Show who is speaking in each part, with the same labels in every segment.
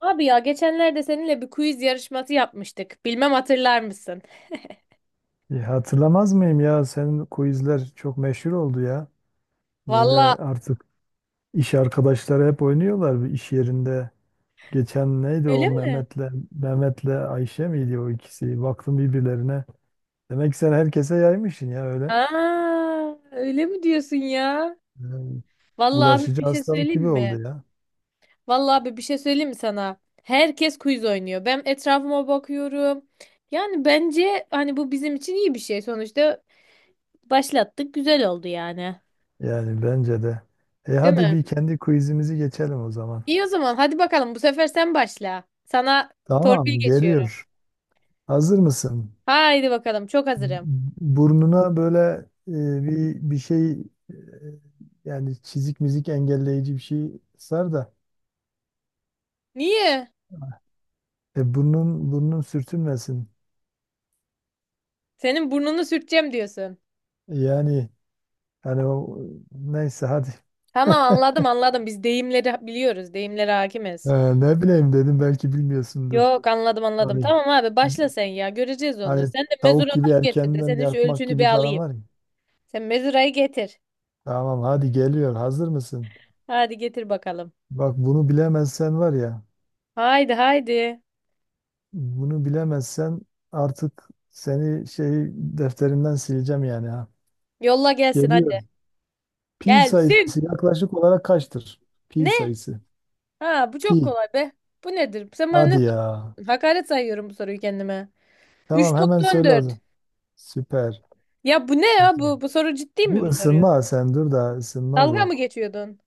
Speaker 1: Abi ya geçenlerde seninle bir quiz yarışması yapmıştık. Bilmem hatırlar mısın?
Speaker 2: Ya hatırlamaz mıyım ya? Senin quizler çok meşhur oldu ya. Böyle
Speaker 1: Valla
Speaker 2: artık iş arkadaşları hep oynuyorlar bir iş yerinde. Geçen neydi
Speaker 1: öyle
Speaker 2: o
Speaker 1: mi?
Speaker 2: Mehmet'le Ayşe miydi o ikisi? Baktım birbirlerine. Demek ki sen herkese yaymışsın ya öyle.
Speaker 1: Aa, öyle mi diyorsun ya?
Speaker 2: Yani
Speaker 1: Vallahi abi
Speaker 2: bulaşıcı
Speaker 1: bir şey
Speaker 2: hastalık
Speaker 1: söyleyeyim
Speaker 2: gibi
Speaker 1: mi?
Speaker 2: oldu ya.
Speaker 1: Vallahi abi bir şey söyleyeyim mi sana? Herkes quiz oynuyor. Ben etrafıma bakıyorum. Yani bence hani bu bizim için iyi bir şey. Sonuçta başlattık. Güzel oldu yani.
Speaker 2: Yani bence de. E
Speaker 1: Değil
Speaker 2: hadi
Speaker 1: mi?
Speaker 2: bir kendi quizimizi geçelim o zaman.
Speaker 1: İyi o zaman hadi bakalım bu sefer sen başla. Sana torpil
Speaker 2: Tamam
Speaker 1: geçiyorum.
Speaker 2: geliyor. Hazır mısın?
Speaker 1: Haydi bakalım çok hazırım.
Speaker 2: Burnuna böyle bir şey, e, yani çizik mizik engelleyici bir şey sar da
Speaker 1: Niye?
Speaker 2: burnun sürtünmesin.
Speaker 1: Senin burnunu sürteceğim diyorsun.
Speaker 2: Yani hani o neyse hadi.
Speaker 1: Tamam anladım anladım. Biz deyimleri biliyoruz. Deyimlere hakimiz.
Speaker 2: Ne bileyim dedim belki bilmiyorsundur.
Speaker 1: Yok anladım anladım.
Speaker 2: Hani
Speaker 1: Tamam abi başla sen ya. Göreceğiz onu.
Speaker 2: hani
Speaker 1: Sen de
Speaker 2: tavuk gibi
Speaker 1: mezuraları getir de
Speaker 2: erkenden
Speaker 1: senin şu
Speaker 2: yatmak
Speaker 1: ölçünü bir
Speaker 2: gibi falan
Speaker 1: alayım.
Speaker 2: var ya.
Speaker 1: Sen mezurayı getir.
Speaker 2: Tamam hadi geliyor. Hazır mısın?
Speaker 1: Hadi getir bakalım.
Speaker 2: Bak bunu bilemezsen var ya.
Speaker 1: Haydi haydi.
Speaker 2: Bunu bilemezsen artık seni şey defterinden sileceğim yani.
Speaker 1: Yolla gelsin
Speaker 2: Geliyor.
Speaker 1: hadi.
Speaker 2: Pi
Speaker 1: Gelsin.
Speaker 2: sayısı yaklaşık olarak kaçtır? Pi
Speaker 1: Ne?
Speaker 2: sayısı.
Speaker 1: Ha bu çok
Speaker 2: Pi.
Speaker 1: kolay be. Bu nedir? Sen bana ne
Speaker 2: Hadi ya.
Speaker 1: sordun? Hakaret sayıyorum bu soruyu kendime.
Speaker 2: Tamam
Speaker 1: Üç
Speaker 2: hemen
Speaker 1: nokta on
Speaker 2: söyle o
Speaker 1: dört.
Speaker 2: zaman. Süper.
Speaker 1: Ya bu ne ya
Speaker 2: Süper.
Speaker 1: bu? Bu soru ciddi
Speaker 2: Bu
Speaker 1: mi bu soruyu?
Speaker 2: ısınma, sen dur da ısınma
Speaker 1: Dalga
Speaker 2: bu.
Speaker 1: mı geçiyordun?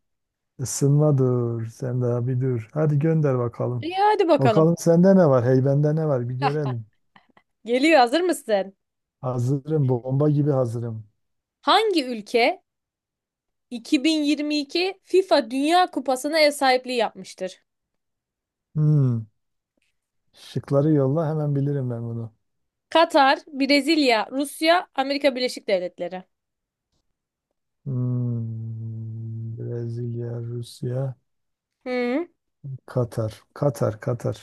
Speaker 2: Isınma dur. Sen daha bir dur. Hadi gönder bakalım.
Speaker 1: İyi hadi bakalım.
Speaker 2: Bakalım sende ne var? Heybende ne var? Bir görelim.
Speaker 1: Geliyor, hazır mısın?
Speaker 2: Hazırım. Bomba gibi hazırım.
Speaker 1: Hangi ülke 2022 FIFA Dünya Kupası'na ev sahipliği yapmıştır?
Speaker 2: Hmm. Şıkları yolla hemen bilirim ben bunu.
Speaker 1: Katar, Brezilya, Rusya, Amerika Birleşik Devletleri.
Speaker 2: Hmm. Brezilya, Rusya,
Speaker 1: Hı,
Speaker 2: Katar. Katar, Katar.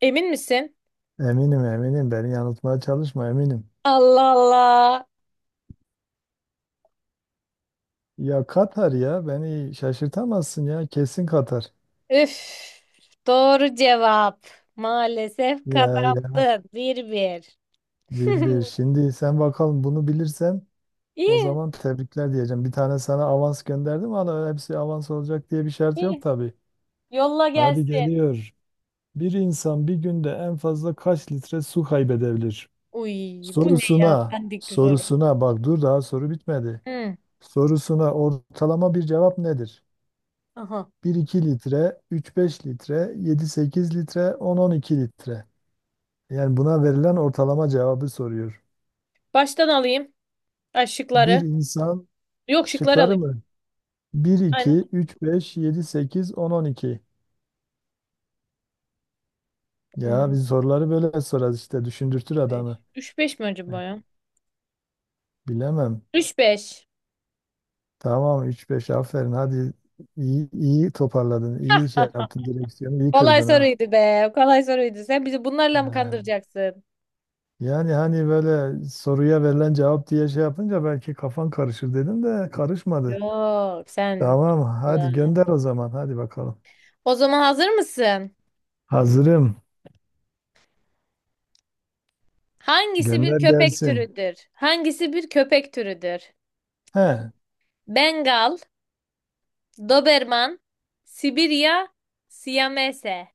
Speaker 1: emin misin?
Speaker 2: Eminim eminim beni yanıltmaya çalışma eminim.
Speaker 1: Allah Allah.
Speaker 2: Ya Katar ya beni şaşırtamazsın ya kesin Katar.
Speaker 1: Üf. Doğru cevap. Maalesef
Speaker 2: Ya ya
Speaker 1: kazandın. Bir bir.
Speaker 2: bir bir, şimdi sen bakalım bunu bilirsen o
Speaker 1: İyi,
Speaker 2: zaman tebrikler diyeceğim. Bir tane sana avans gönderdim ama hepsi avans olacak diye bir şart yok
Speaker 1: iyi.
Speaker 2: tabii.
Speaker 1: Yolla
Speaker 2: Hadi
Speaker 1: gelsin.
Speaker 2: geliyor. Bir insan bir günde en fazla kaç litre su kaybedebilir?
Speaker 1: Uy, bu ne ya?
Speaker 2: Sorusuna
Speaker 1: Bendik bir soru.
Speaker 2: sorusuna bak dur daha soru bitmedi.
Speaker 1: Hı,
Speaker 2: Sorusuna ortalama bir cevap nedir?
Speaker 1: aha.
Speaker 2: 1-2 litre, 3-5 litre, 7-8 litre, 10-12 litre. Yani buna verilen ortalama cevabı soruyor.
Speaker 1: Baştan alayım. Ay,
Speaker 2: Bir
Speaker 1: şıkları.
Speaker 2: insan
Speaker 1: Yok şıkları
Speaker 2: şıkları
Speaker 1: alayım.
Speaker 2: mı? 1-2,
Speaker 1: Aynen.
Speaker 2: 3-5, 7-8, 10-12. Ya
Speaker 1: Hmm.
Speaker 2: biz soruları böyle sorarız işte düşündürtür adamı.
Speaker 1: 5. 3-5 mi
Speaker 2: Eh,
Speaker 1: acaba ya?
Speaker 2: Bilemem.
Speaker 1: 3-5.
Speaker 2: Tamam 3-5, aferin hadi. İyi, iyi toparladın. İyi şey
Speaker 1: Ah,
Speaker 2: yaptın, direksiyonu iyi
Speaker 1: kolay
Speaker 2: kırdın ha.
Speaker 1: soruydu be. Kolay soruydu. Sen bizi bunlarla mı
Speaker 2: Ha.
Speaker 1: kandıracaksın?
Speaker 2: Yani hani böyle soruya verilen cevap diye şey yapınca belki kafan karışır dedim de karışmadı.
Speaker 1: Yok sen.
Speaker 2: Tamam, hadi
Speaker 1: Allah.
Speaker 2: gönder o zaman. Hadi bakalım.
Speaker 1: O zaman hazır mısın?
Speaker 2: Hazırım.
Speaker 1: Hangisi bir
Speaker 2: Gönder
Speaker 1: köpek
Speaker 2: gelsin.
Speaker 1: türüdür? Hangisi bir köpek türüdür?
Speaker 2: He,
Speaker 1: Bengal, Doberman, Sibirya, Siyamese.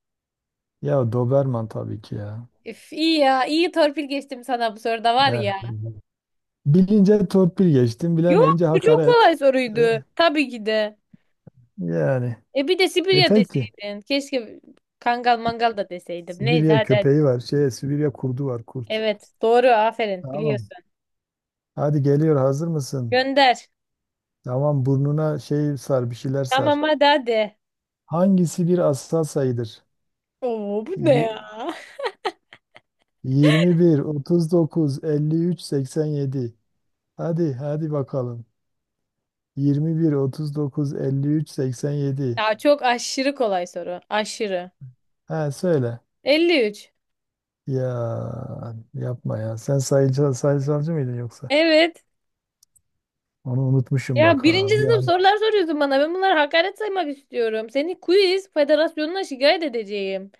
Speaker 2: ya Doberman tabii ki ya.
Speaker 1: Üf, iyi ya. İyi torpil geçtim sana bu soruda var
Speaker 2: He.
Speaker 1: ya.
Speaker 2: Bilince torpil geçtim,
Speaker 1: Yok
Speaker 2: bilemeyince
Speaker 1: bu çok
Speaker 2: hakaret.
Speaker 1: kolay
Speaker 2: E,
Speaker 1: soruydu. Tabii ki de.
Speaker 2: yani.
Speaker 1: E bir de
Speaker 2: E
Speaker 1: Sibirya
Speaker 2: peki.
Speaker 1: deseydin. Keşke Kangal mangal da deseydim. Neyse
Speaker 2: Sibirya
Speaker 1: hadi hadi.
Speaker 2: köpeği var. Şey, Sibirya kurdu var, kurt.
Speaker 1: Evet doğru aferin
Speaker 2: Tamam.
Speaker 1: biliyorsun.
Speaker 2: Hadi geliyor, hazır mısın?
Speaker 1: Gönder.
Speaker 2: Tamam, burnuna şey sar, bir şeyler sar.
Speaker 1: Tamam hadi hadi.
Speaker 2: Hangisi bir asal sayıdır?
Speaker 1: Oo bu ne
Speaker 2: Y-
Speaker 1: ya?
Speaker 2: 21, 39, 53, 87. Hadi, hadi bakalım. 21, 39, 53, 87.
Speaker 1: Ya çok aşırı kolay soru. Aşırı.
Speaker 2: Ha söyle.
Speaker 1: 53.
Speaker 2: Ya yapma ya. Sen sayıcı, sayısalcı mıydın yoksa?
Speaker 1: Evet.
Speaker 2: Onu unutmuşum
Speaker 1: Ya
Speaker 2: bak ha
Speaker 1: birinci
Speaker 2: bir
Speaker 1: sınıf
Speaker 2: an.
Speaker 1: sorular soruyorsun bana. Ben bunları hakaret saymak istiyorum. Seni quiz federasyonuna şikayet edeceğim.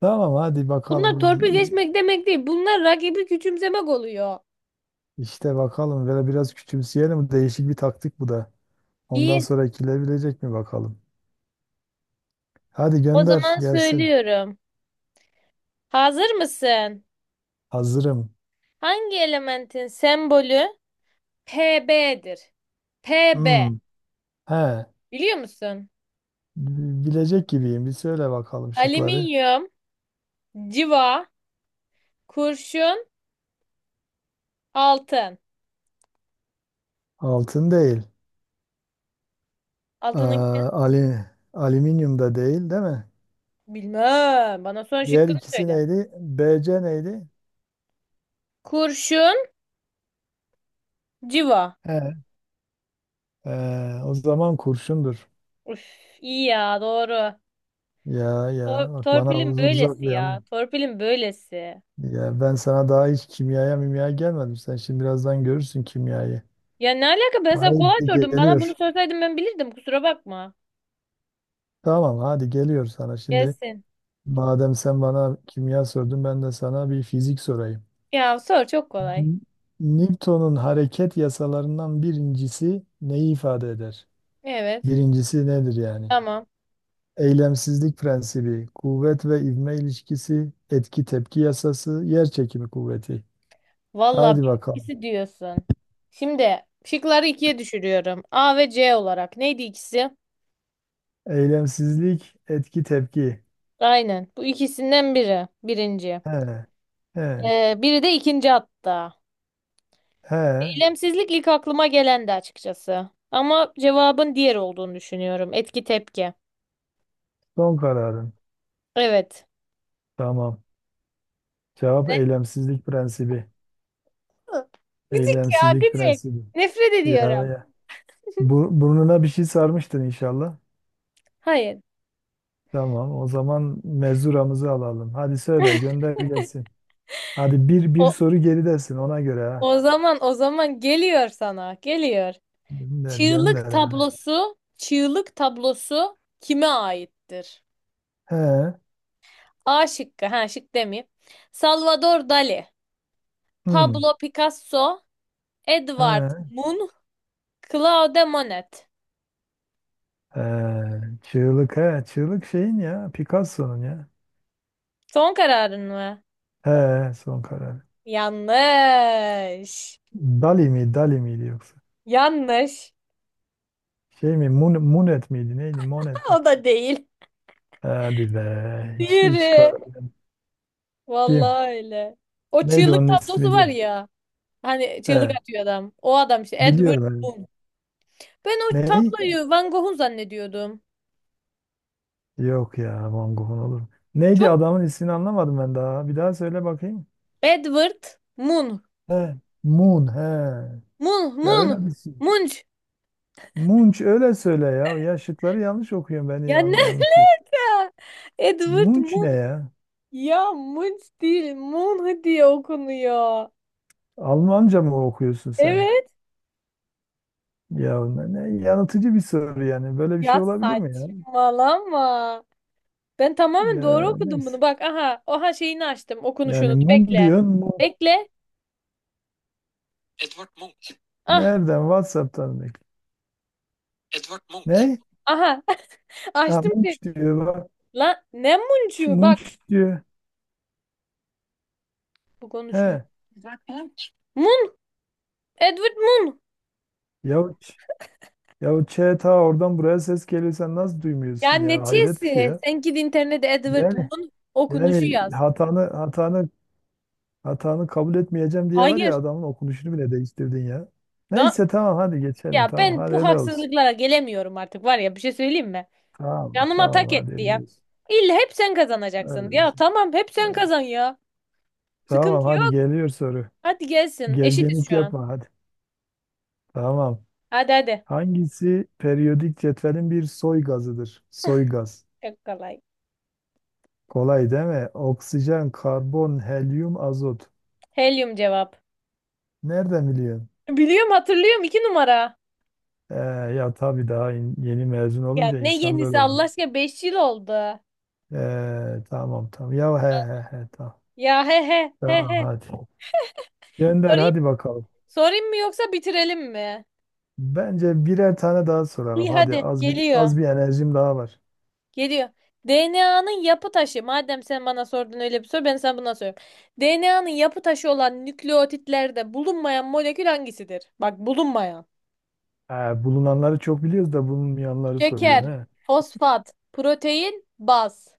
Speaker 2: Tamam hadi
Speaker 1: Bunlar
Speaker 2: bakalım.
Speaker 1: torpil geçmek demek değil. Bunlar rakibi küçümsemek oluyor.
Speaker 2: İşte bakalım. Böyle biraz küçümseyelim. Değişik bir taktik bu da. Ondan
Speaker 1: İyi.
Speaker 2: sonra ekilebilecek mi bakalım. Hadi
Speaker 1: O
Speaker 2: gönder
Speaker 1: zaman
Speaker 2: gelsin.
Speaker 1: söylüyorum. Hazır mısın?
Speaker 2: Hazırım.
Speaker 1: Hangi elementin sembolü Pb'dir? Pb.
Speaker 2: Hmm. He.
Speaker 1: Biliyor musun?
Speaker 2: Bilecek gibiyim. Bir söyle bakalım şıkları.
Speaker 1: Alüminyum, civa, kurşun, altın.
Speaker 2: Altın değil.
Speaker 1: Altının ne?
Speaker 2: Aa, alüminyum da değil, değil mi?
Speaker 1: Bilmem. Bana son
Speaker 2: Diğer
Speaker 1: şıkkını
Speaker 2: ikisi
Speaker 1: söyle.
Speaker 2: neydi? BC neydi?
Speaker 1: Kurşun, civa.
Speaker 2: He, o zaman kurşundur.
Speaker 1: Üf, iyi ya doğru.
Speaker 2: Ya ya
Speaker 1: Tor-
Speaker 2: bak bana
Speaker 1: torpilin
Speaker 2: uzak
Speaker 1: böylesi
Speaker 2: bir alan.
Speaker 1: ya. Torpilin böylesi.
Speaker 2: Ya ben sana daha hiç kimyaya mimyaya gelmedim. Sen şimdi birazdan görürsün kimyayı.
Speaker 1: Ya ne alaka ben sana kolay
Speaker 2: Haydi
Speaker 1: sordum. Bana bunu
Speaker 2: geliyor.
Speaker 1: sorsaydın ben bilirdim. Kusura bakma.
Speaker 2: Tamam hadi geliyor sana. Şimdi
Speaker 1: Gelsin.
Speaker 2: madem sen bana kimya sordun ben de sana bir fizik sorayım.
Speaker 1: Ya sor çok kolay.
Speaker 2: N- Newton'un hareket yasalarından birincisi neyi ifade eder?
Speaker 1: Evet.
Speaker 2: Birincisi nedir yani?
Speaker 1: Tamam.
Speaker 2: Eylemsizlik prensibi, kuvvet ve ivme ilişkisi, etki tepki yasası, yer çekimi kuvveti.
Speaker 1: Valla
Speaker 2: Haydi bakalım.
Speaker 1: ikisi diyorsun. Şimdi şıkları ikiye düşürüyorum. A ve C olarak. Neydi ikisi?
Speaker 2: Eylemsizlik, etki tepki.
Speaker 1: Aynen. Bu ikisinden biri. Birinci.
Speaker 2: He, he,
Speaker 1: Biri de ikinci hatta.
Speaker 2: he.
Speaker 1: Eylemsizlik ilk aklıma gelendi açıkçası. Ama cevabın diğer olduğunu düşünüyorum. Etki tepki.
Speaker 2: Son kararın.
Speaker 1: Evet.
Speaker 2: Tamam. Cevap eylemsizlik prensibi.
Speaker 1: Hı. Gıcık ya
Speaker 2: Eylemsizlik
Speaker 1: gıcık.
Speaker 2: prensibi.
Speaker 1: Nefret
Speaker 2: Ya
Speaker 1: ediyorum.
Speaker 2: ya. Burnuna bir şey sarmıştın inşallah.
Speaker 1: Hayır.
Speaker 2: Tamam. O zaman mezuramızı alalım. Hadi söyle, gönder gelsin. Hadi bir
Speaker 1: O,
Speaker 2: soru geridesin ona göre ha.
Speaker 1: o zaman geliyor sana. Geliyor.
Speaker 2: Gönder, gönder
Speaker 1: Çığlık
Speaker 2: hadi.
Speaker 1: tablosu, çığlık tablosu kime aittir?
Speaker 2: He.
Speaker 1: A şıkkı. Ha şık demeyeyim. Salvador Dali,
Speaker 2: Hmm.
Speaker 1: Pablo Picasso,
Speaker 2: He.
Speaker 1: Edvard Munch, Claude Monet.
Speaker 2: He. Çığlık. He. Çığlık şeyin ya. Picasso'nun ya.
Speaker 1: Son kararın mı?
Speaker 2: He. Son karar.
Speaker 1: Yanlış.
Speaker 2: Dali mi? Dali miydi yoksa?
Speaker 1: Yanlış.
Speaker 2: Şey mi? Munet miydi? Neydi? Monet
Speaker 1: Ha,
Speaker 2: mi?
Speaker 1: o da değil.
Speaker 2: Hadi be.
Speaker 1: Diğeri.
Speaker 2: Kim?
Speaker 1: Vallahi öyle. O
Speaker 2: Neydi
Speaker 1: çığlık
Speaker 2: onun
Speaker 1: tablosu
Speaker 2: ismi
Speaker 1: var
Speaker 2: diye.
Speaker 1: ya. Hani çığlık
Speaker 2: He.
Speaker 1: atıyor adam. O adam işte Edward
Speaker 2: Biliyorum ben.
Speaker 1: Munch. Ben o
Speaker 2: Ney?
Speaker 1: tabloyu Van Gogh'un zannediyordum.
Speaker 2: Yok ya. Van Gogh'un olur mu? Neydi
Speaker 1: Çok
Speaker 2: adamın ismini anlamadım ben daha. Bir daha söyle bakayım.
Speaker 1: Edward Munch.
Speaker 2: He. Moon. He.
Speaker 1: Munch,
Speaker 2: Ya öyle
Speaker 1: Munch,
Speaker 2: bir şey.
Speaker 1: Munch.
Speaker 2: Munch öyle söyle ya. Ya şıkları yanlış okuyorum. Beni
Speaker 1: Ya ne?
Speaker 2: yanıltıyorsun.
Speaker 1: Edward
Speaker 2: Munch
Speaker 1: Mun.
Speaker 2: ne ya?
Speaker 1: Ya Munch değil. Mun diye okunuyor.
Speaker 2: Almanca mı okuyorsun sen?
Speaker 1: Evet.
Speaker 2: Ya ne yanıltıcı bir soru yani. Böyle bir şey
Speaker 1: Ya
Speaker 2: olabilir mi ya?
Speaker 1: saçmalama. Ben tamamen doğru
Speaker 2: Ya
Speaker 1: okudum
Speaker 2: neyse.
Speaker 1: bunu. Bak aha. Oha şeyini açtım.
Speaker 2: Yani
Speaker 1: Okunuşunu.
Speaker 2: mum
Speaker 1: Bekle.
Speaker 2: diyorsun mu?
Speaker 1: Bekle. Ah.
Speaker 2: Nereden? WhatsApp'tan mı? Ne?
Speaker 1: Aha.
Speaker 2: Ha
Speaker 1: Açtım şey.
Speaker 2: Munch diyor bak.
Speaker 1: Lan ne Munch'u? Bak.
Speaker 2: Munch diyor.
Speaker 1: Bu konuşmuyor.
Speaker 2: He.
Speaker 1: Mun. Edward Mun.
Speaker 2: Ya Ç- ya Ç ta oradan buraya ses geliyor sen nasıl
Speaker 1: Ya
Speaker 2: duymuyorsun
Speaker 1: ne
Speaker 2: ya? Hayret bir şey
Speaker 1: çesi?
Speaker 2: ya.
Speaker 1: Sen git internete Edward
Speaker 2: Yani
Speaker 1: Mun okunuşu
Speaker 2: yani
Speaker 1: yaz.
Speaker 2: hatanı kabul etmeyeceğim diye var
Speaker 1: Hayır.
Speaker 2: ya adamın okunuşunu bile değiştirdin ya.
Speaker 1: Da
Speaker 2: Neyse tamam hadi geçelim
Speaker 1: Ya
Speaker 2: tamam
Speaker 1: ben
Speaker 2: hadi
Speaker 1: bu
Speaker 2: öyle olsun.
Speaker 1: haksızlıklara gelemiyorum artık var ya bir şey söyleyeyim mi?
Speaker 2: Tamam
Speaker 1: Canıma
Speaker 2: Tamam
Speaker 1: tak
Speaker 2: hadi
Speaker 1: etti
Speaker 2: öyle
Speaker 1: ya.
Speaker 2: olsun.
Speaker 1: İlla hep sen kazanacaksın.
Speaker 2: Öyle
Speaker 1: Ya
Speaker 2: olsun.
Speaker 1: tamam hep sen kazan ya.
Speaker 2: Tamam
Speaker 1: Sıkıntı
Speaker 2: hadi
Speaker 1: yok.
Speaker 2: geliyor soru.
Speaker 1: Hadi gelsin. Eşitiz
Speaker 2: Gerginlik
Speaker 1: şu an.
Speaker 2: yapma hadi. Tamam.
Speaker 1: Hadi hadi.
Speaker 2: Hangisi periyodik cetvelin bir soy gazıdır? Soy gaz.
Speaker 1: Çok kolay.
Speaker 2: Kolay değil mi? Oksijen, karbon, helyum, azot.
Speaker 1: Helyum cevap.
Speaker 2: Nereden biliyorsun?
Speaker 1: Biliyorum hatırlıyorum 2 numara.
Speaker 2: Ee, ya tabii daha yeni mezun
Speaker 1: Ya
Speaker 2: olunca
Speaker 1: ne
Speaker 2: insan
Speaker 1: yenisi
Speaker 2: böyle
Speaker 1: Allah
Speaker 2: oluyor.
Speaker 1: aşkına 5 yıl oldu.
Speaker 2: Tamam tamam. Ya he he he tamam.
Speaker 1: Ya he he he
Speaker 2: Tamam
Speaker 1: he.
Speaker 2: hadi. Gönder
Speaker 1: Sorayım,
Speaker 2: hadi bakalım.
Speaker 1: sorayım mı yoksa bitirelim mi?
Speaker 2: Bence birer tane daha soralım.
Speaker 1: İyi
Speaker 2: Hadi
Speaker 1: hadi
Speaker 2: az bir
Speaker 1: geliyor.
Speaker 2: az bir enerjim daha var.
Speaker 1: Geliyor. DNA'nın yapı taşı. Madem sen bana sordun öyle bir soru, ben sana buna soruyorum. DNA'nın yapı taşı olan nükleotitlerde bulunmayan molekül hangisidir? Bak bulunmayan.
Speaker 2: Ha, bulunanları çok biliyoruz da bulunmayanları soruyor
Speaker 1: Şeker,
Speaker 2: ne?
Speaker 1: fosfat, protein, baz.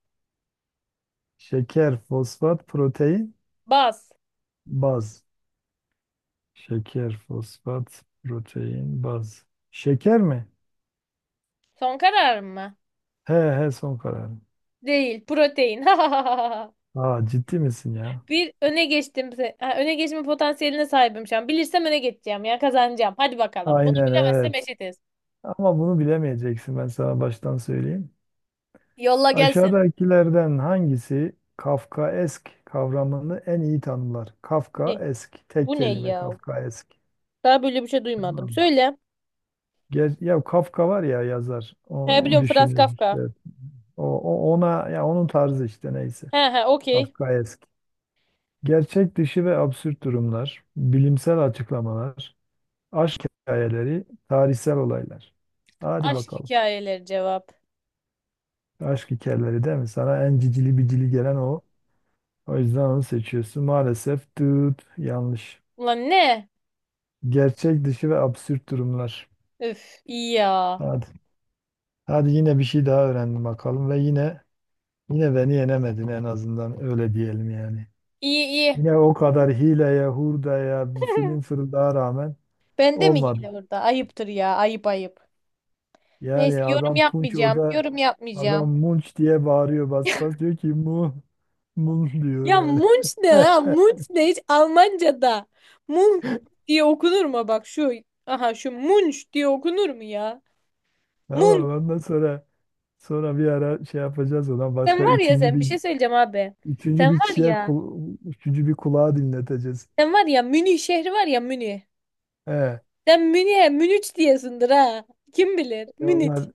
Speaker 2: Şeker, fosfat, protein,
Speaker 1: Baz.
Speaker 2: baz. Şeker, fosfat, protein, baz. Şeker mi?
Speaker 1: Son karar mı?
Speaker 2: He he son kararım.
Speaker 1: Değil, protein.
Speaker 2: Aa ciddi misin ya?
Speaker 1: Bir öne geçtim. Öne geçme potansiyeline sahibim şu an. Bilirsem öne geçeceğim ya kazanacağım. Hadi bakalım. Bunu
Speaker 2: Aynen
Speaker 1: bilemezsem
Speaker 2: evet.
Speaker 1: eşitiz.
Speaker 2: Ama bunu bilemeyeceksin ben sana baştan söyleyeyim.
Speaker 1: Yolla gelsin.
Speaker 2: Aşağıdakilerden hangisi Kafkaesk kavramını en iyi tanımlar?
Speaker 1: Ne?
Speaker 2: Kafkaesk tek
Speaker 1: Bu ne
Speaker 2: kelime
Speaker 1: ya?
Speaker 2: Kafkaesk.
Speaker 1: Daha böyle bir şey duymadım.
Speaker 2: Tamam.
Speaker 1: Söyle.
Speaker 2: Ya Kafka var ya yazar. O
Speaker 1: He, biliyorum Franz
Speaker 2: düşünür işte.
Speaker 1: Kafka.
Speaker 2: Ona ya onun tarzı işte neyse.
Speaker 1: He he, okey.
Speaker 2: Kafkaesk. Gerçek dışı ve absürt durumlar, bilimsel açıklamalar, aşk hikayeleri, tarihsel olaylar. Hadi
Speaker 1: Aşk
Speaker 2: bakalım.
Speaker 1: hikayeleri cevap.
Speaker 2: Aşk hikayeleri değil mi? Sana en cicili bicili gelen o. O yüzden onu seçiyorsun. Maalesef tüt yanlış.
Speaker 1: Ulan ne?
Speaker 2: Gerçek dışı ve absürt durumlar.
Speaker 1: Üf iyi ya.
Speaker 2: Hadi. Hadi yine bir şey daha öğrendim bakalım ve yine beni yenemedin en azından öyle diyelim yani.
Speaker 1: İyi iyi.
Speaker 2: Yine o kadar hileye, hurdaya, bir film fırıldağa rağmen
Speaker 1: Bende mi
Speaker 2: olmadı.
Speaker 1: hile burada? Ayıptır ya ayıp ayıp. Neyse
Speaker 2: Yani
Speaker 1: yorum
Speaker 2: adam Punç
Speaker 1: yapmayacağım.
Speaker 2: orada
Speaker 1: Yorum
Speaker 2: adam
Speaker 1: yapmayacağım.
Speaker 2: Munç diye bağırıyor bas bas diyor ki mun diyor
Speaker 1: Ya
Speaker 2: yani.
Speaker 1: Munch ne ha? Munch ne hiç Almanca'da? Munch diye okunur mu? Bak şu. Aha şu Munch diye okunur mu ya?
Speaker 2: Tamam
Speaker 1: Munch.
Speaker 2: ondan sonra bir ara şey yapacağız ondan
Speaker 1: Sen
Speaker 2: başka
Speaker 1: var ya
Speaker 2: üçüncü
Speaker 1: sen bir
Speaker 2: bir
Speaker 1: şey söyleyeceğim abi. Sen
Speaker 2: üçüncü bir
Speaker 1: var
Speaker 2: kişiye
Speaker 1: ya.
Speaker 2: üçüncü bir kulağa dinleteceğiz.
Speaker 1: Sen var ya Münih şehri var ya Münih.
Speaker 2: He,
Speaker 1: Sen Münih'e Münüç diyesindir ha. Kim bilir?
Speaker 2: e
Speaker 1: Münüç.
Speaker 2: onlar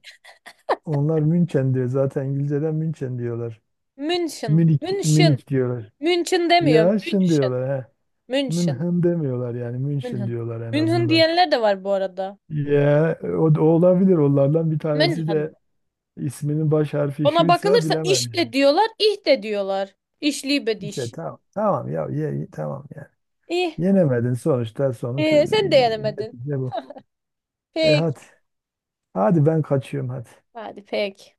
Speaker 2: onlar München diyor zaten İngilizceden München diyorlar.
Speaker 1: Münşin.
Speaker 2: Münih
Speaker 1: Münşin.
Speaker 2: Münih diyorlar.
Speaker 1: Münşin demiyor.
Speaker 2: Ya şimdi
Speaker 1: Münşin.
Speaker 2: diyorlar he.
Speaker 1: Münşin.
Speaker 2: Münhen demiyorlar yani München
Speaker 1: Münhın.
Speaker 2: diyorlar en
Speaker 1: Münhın
Speaker 2: azından.
Speaker 1: diyenler de var bu arada.
Speaker 2: Ya o da olabilir onlardan bir tanesi
Speaker 1: Münhın.
Speaker 2: de isminin baş harfi
Speaker 1: Ona
Speaker 2: şuysa
Speaker 1: bakılırsa
Speaker 2: bilemem
Speaker 1: iş de
Speaker 2: yani.
Speaker 1: diyorlar, ih de diyorlar. İşli
Speaker 2: Neyse
Speaker 1: bediş.
Speaker 2: tamam tamam ya tamam yani.
Speaker 1: İh.
Speaker 2: Yenemedin sonuçta sonuç
Speaker 1: Sen de yenemedin.
Speaker 2: netice bu. E
Speaker 1: Pek.
Speaker 2: hadi hadi ben kaçıyorum hadi.
Speaker 1: Hadi pek.